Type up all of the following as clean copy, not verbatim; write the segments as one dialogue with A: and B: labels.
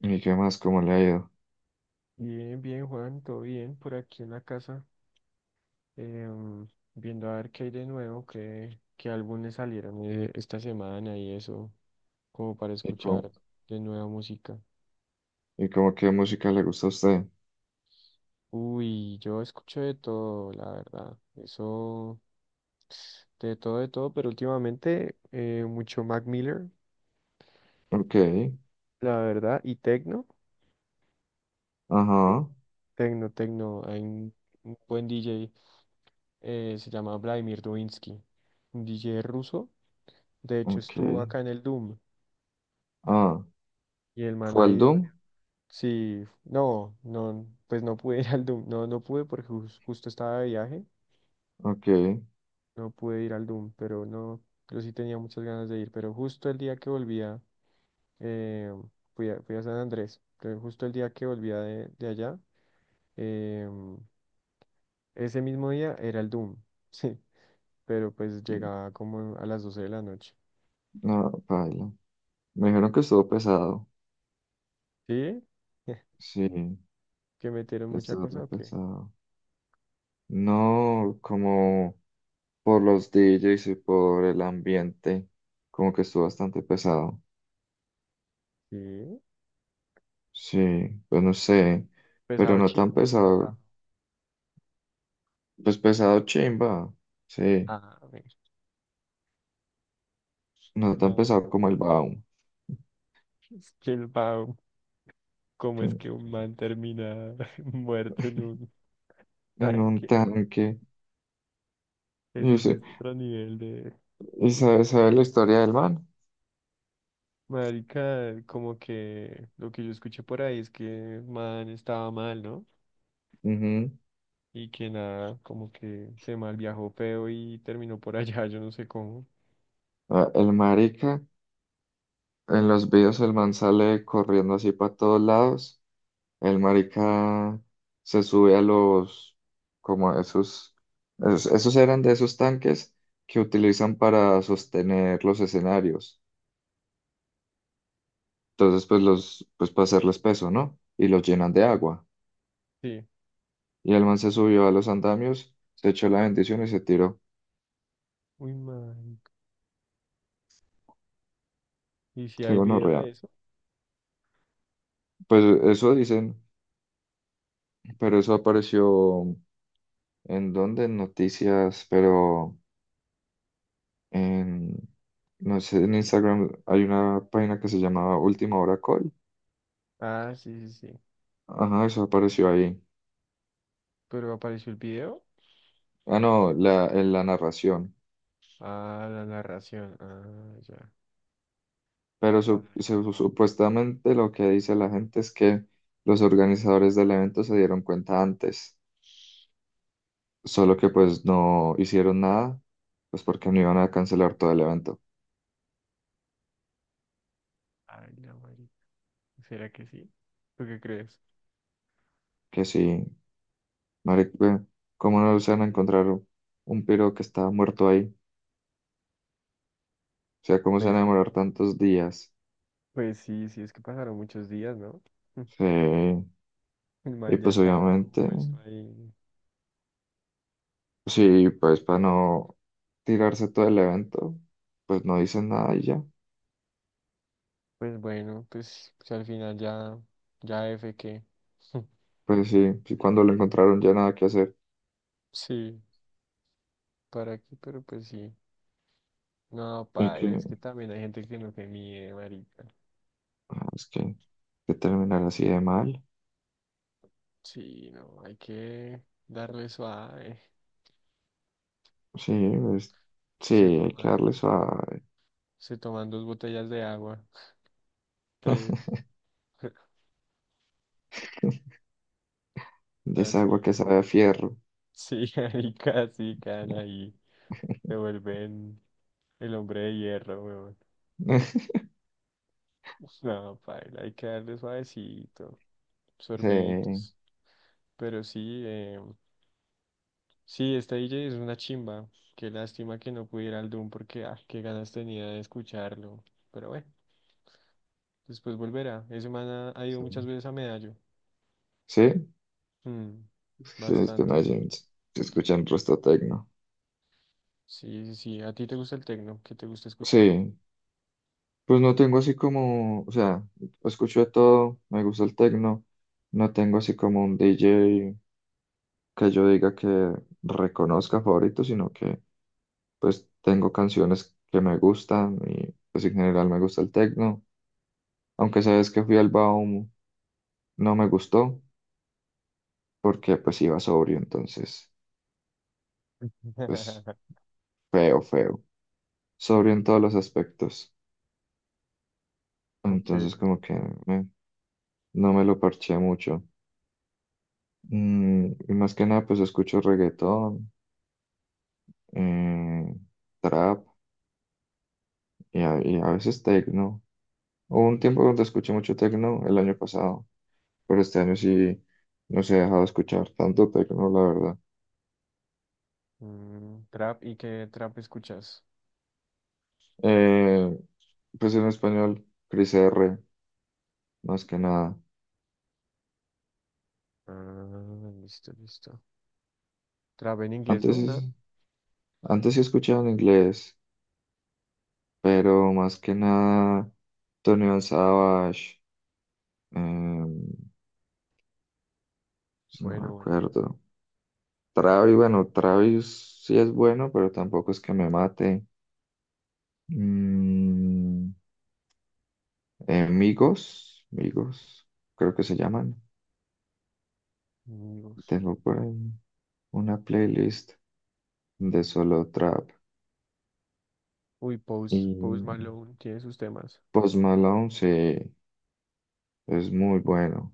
A: ¿Y qué más? ¿Cómo le ha ido?
B: Bien, bien, Juan, todo bien por aquí en la casa, em, viendo a ver qué hay de nuevo, qué álbumes salieron esta semana y eso, como para
A: ¿Y cómo,
B: escuchar de nueva música.
A: ¿Y cómo qué música le gusta a usted?
B: Uy, yo escucho de todo, la verdad, eso, de todo, pero últimamente mucho Mac Miller,
A: Ok,
B: la verdad, y Tecno, Tec-
A: ajá,
B: Tecno, Tecno, hay un buen DJ, se llama Vladimir Dovinsky, un DJ ruso. De hecho,
A: ok.
B: estuvo acá en el Doom
A: Ah,
B: y el man
A: ¿fue
B: ha
A: al
B: ido.
A: Doom?
B: Varias... Sí, no, no, pues no pude ir al Doom. No, no pude porque justo estaba de viaje.
A: Ok.
B: No pude ir al Doom, pero no, yo sí tenía muchas ganas de ir. Pero justo el día que volvía, eh, fui a San Andrés. Pero justo el día que volvía de allá, em, ese mismo día era el Doom. Sí, pero pues llegaba como a las doce de la noche.
A: No, paila. Me dijeron que estuvo pesado.
B: ¿Sí?
A: Sí,
B: ¿Que metieron
A: que
B: mucha
A: estuvo
B: cosa
A: re
B: o qué?
A: pesado. No, como por los DJs y por el ambiente, como que estuvo bastante pesado.
B: Sí,
A: Sí, pues no sé, pero
B: pesado
A: no tan
B: chino, pesado.
A: pesado. Pues pesado chimba. Sí,
B: A ver,
A: no tan
B: no.
A: pesado como el Baum.
B: Es que el Bao, ¿cómo es que un man termina muerto en un
A: En un
B: tanque?
A: tanque. y
B: Eso sí
A: se
B: es otro nivel de...
A: ¿Y sabe la historia del man?
B: Marica, como que lo que yo escuché por ahí es que el man estaba mal, ¿no?
A: Ujú.
B: Y que nada, como que se mal viajó feo y terminó por allá, yo no sé cómo.
A: Ah, el marica, en los videos el man sale corriendo así para todos lados. El marica se sube a como a esos, esos eran de esos tanques que utilizan para sostener los escenarios. Entonces, pues para hacerles peso, ¿no? Y los llenan de agua.
B: Sí.
A: Y el man se subió a los andamios, se echó la bendición y se tiró.
B: Uy, marica. ¿Y si
A: Qué
B: hay video
A: gonorrea.
B: de eso?
A: Pues eso dicen. Pero eso apareció en dónde, en noticias, pero en, no sé, en Instagram hay una página que se llamaba Última Hora Call.
B: Ah, sí, sí, sí.
A: Ajá, eso apareció ahí.
B: ¿Pero apareció el video?
A: Ah, no, la, en la narración.
B: Ah, la narración. Ah, ya.
A: Pero
B: Para.
A: supuestamente lo que dice la gente es que los organizadores del evento se dieron cuenta antes, solo que
B: Uy,
A: pues no hicieron nada, pues porque no iban a cancelar todo el evento.
B: ay, la marica. ¿Será que sí? ¿Tú qué crees?
A: Que sí, Maric, ve, ¿cómo no se van a encontrar un piro que está muerto ahí? O sea, ¿cómo se van a
B: Pues sí.
A: demorar tantos días?
B: Pues sí, sí, es que pasaron muchos días, ¿no?
A: Sí.
B: El
A: Y
B: man ya
A: pues
B: estaba
A: obviamente,
B: descompuesto ahí.
A: sí, pues para no tirarse todo el evento, pues no dicen nada y ya.
B: Pues bueno, pues, pues al final ya, ya F que.
A: Pues sí, sí, cuando lo encontraron ya nada que hacer.
B: Sí, ¿para qué? Pero pues sí. No,
A: Y
B: paila, es
A: que,
B: que también hay gente que no se mide, marica.
A: ah, es que terminar así de mal.
B: Sí, no, hay que darle suave.
A: Sí, pues, sí,
B: Se
A: hay que
B: toman,
A: darle suave.
B: se toman dos botellas de agua, tres,
A: De esa agua
B: así.
A: que sabe a fierro.
B: Sí, ahí casi caen ahí. Se vuelven el hombre de hierro, weón. No, paila, hay que darle suavecito,
A: Sí,
B: sorbitos. Pero sí, sí, esta DJ es una chimba. Qué lástima que no pudiera al Doom porque, ah, qué ganas tenía de escucharlo. Pero bueno, después volverá. Ese man ha ido muchas veces a Medallo.
A: sí,
B: Mm,
A: sí, es que
B: bastante,
A: no
B: sí.
A: se escuchan resto tecno.
B: Sí, sí, sí. ¿A ti te gusta el tecno? ¿Qué te gusta escuchar?
A: Sí, pues no tengo así como, o sea, escucho de todo, me gusta el tecno, no tengo así como un DJ que yo diga que reconozca favorito, sino que pues tengo canciones que me gustan y pues en general me gusta el tecno, aunque sabes que fui al Baum, no me gustó porque pues iba sobrio, entonces pues feo, feo, sobrio en todos los aspectos,
B: Ok,
A: entonces como que no me lo parché mucho. Mm, y más que nada pues escucho reggaetón. eh, Trap y y a veces techno. Hubo un tiempo donde escuché mucho techno el año pasado, pero este año sí no se ha dejado escuchar tanto techno, la verdad.
B: mm, trap, ¿y qué trap escuchas?
A: Eh, pues en español, Cris R, más que nada.
B: Ah, listo, listo. Trap en inglés,
A: Antes,
B: ¿no? Nada.
A: es- Antes sí escuchaba en inglés, pero más que nada Tony Van Savage, no me
B: Bueno, bueno.
A: acuerdo. Travis, bueno, Travis sí es bueno, pero tampoco es que me mate. Mm, Migos, Migos, creo que se llaman.
B: Amigos.
A: Tengo por ahí una playlist de solo trap.
B: Uy, Post, Post
A: Y
B: Malone tiene sus temas.
A: Post Malone, sí, es muy bueno.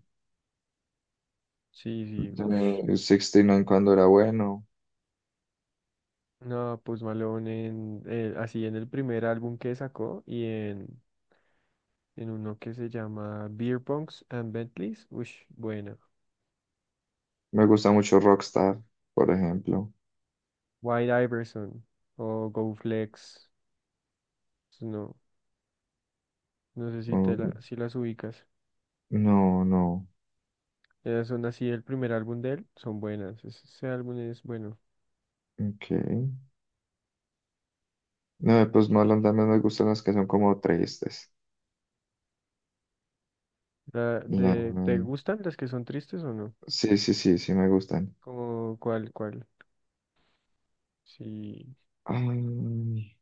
B: Sí, sí. Ush.
A: De 69 cuando era bueno.
B: No, Post Malone así en el primer álbum que sacó en uno que se llama Beer Punks and Bentleys. Uy, buena.
A: Me gusta mucho Rockstar, por ejemplo.
B: White Iverson o Go Flex. Pues no, no sé si te la,
A: Um,
B: si las ubicas.
A: no, no,
B: Ya son así el primer álbum de él, son buenas. Ese álbum es bueno.
A: ok. No, de Post Malone también me gustan las que son como tristes.
B: La
A: La...
B: de, ¿te gustan las que son tristes o no?
A: Sí, sí, sí, sí me gustan.
B: Como cuál, cuál. Sí.
A: Ay,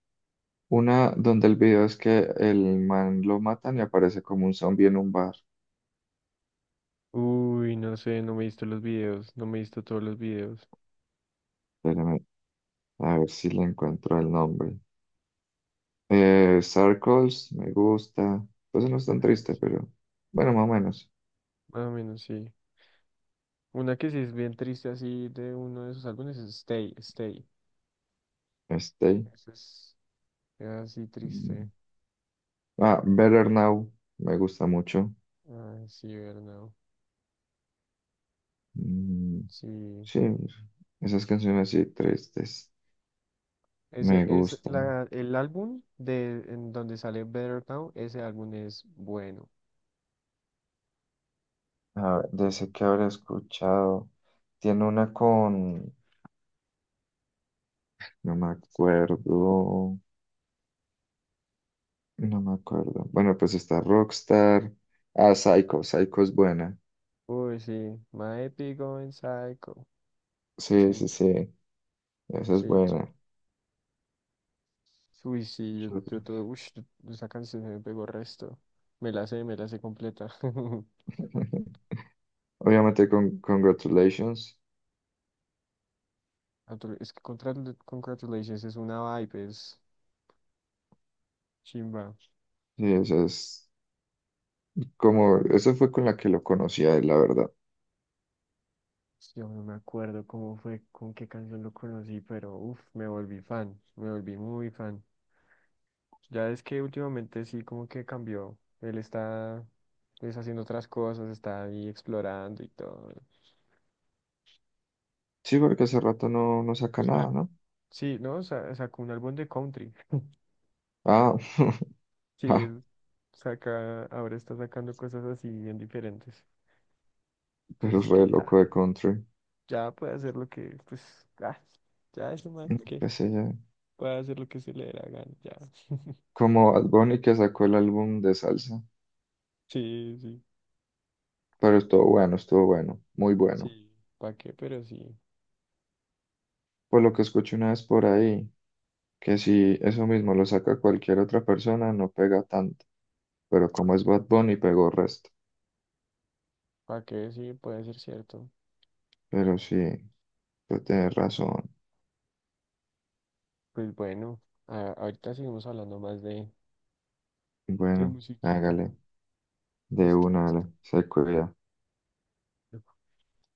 A: una donde el video es que el man lo matan y aparece como un zombie en un bar.
B: Uy, no sé, no me he visto los videos, no me he visto todos los videos.
A: Espérame, a ver si le encuentro el nombre. Circles, me gusta. Pues no es tan
B: Ah,
A: triste,
B: sí.
A: pero bueno, más o menos.
B: Más o menos sí. Una que sí es bien triste así de uno de sus álbumes es Stay, Stay.
A: Stay.
B: Ese es así triste.
A: Mm, ah, Better Now, me gusta mucho.
B: Ah, sí, verdad.
A: Mm,
B: Sí.
A: sí, esas canciones así tristes, me
B: Ese es
A: gustan.
B: el álbum de en donde sale Better Now, ese álbum es bueno.
A: A ver, de ese que habré escuchado. Tiene una con... No me acuerdo. No me acuerdo. Bueno, pues está Rockstar. Ah, Psycho. Psycho es buena.
B: Uy, sí, My Epic Going Psycho.
A: Sí,
B: Chim,
A: sí, sí. Esa es
B: sí, chim.
A: buena.
B: Uy, sí, yo tuve, uy, esa canción se me pegó resto. Me la sé completa.
A: Obviamente con Congratulations.
B: Es que Congratulations es una vibe, es chimba.
A: Sí, esa es como... Eso fue con la que lo conocí a él, la verdad.
B: Yo no me acuerdo cómo fue, con qué canción lo conocí, pero uff, me volví fan, me volví muy fan. Ya es que últimamente sí, como que cambió. Él está, pues, haciendo otras cosas, está ahí explorando y todo.
A: Sí, porque hace rato no, no saca nada, ¿no?
B: Sí, ¿no? Sacó un álbum de country.
A: Ah,
B: Sí,
A: ah,
B: él saca, ahora está sacando cosas así bien diferentes. Pues
A: pero es
B: es que
A: re loco
B: ya,
A: de country.
B: ya puede hacer lo que, pues, ah, ya es un man
A: Mm,
B: que
A: qué sé yo.
B: puede hacer lo que se le dé la gana, ya.
A: Como Bad Bunny que sacó el álbum de salsa.
B: Sí, sí,
A: Pero estuvo bueno, estuvo bueno. Muy bueno.
B: sí. ¿Para qué? Pero sí.
A: Por lo que escuché una vez por ahí, que si eso mismo lo saca cualquier otra persona, no pega tanto. Pero como es Bad Bunny, pegó resto.
B: ¿Para qué? Sí, puede ser cierto.
A: Pero sí, tú tienes razón.
B: Pues bueno, ahorita seguimos hablando más de
A: Bueno,
B: musiquita.
A: hágale, de
B: Listo,
A: una, dale,
B: listo.
A: se cuida.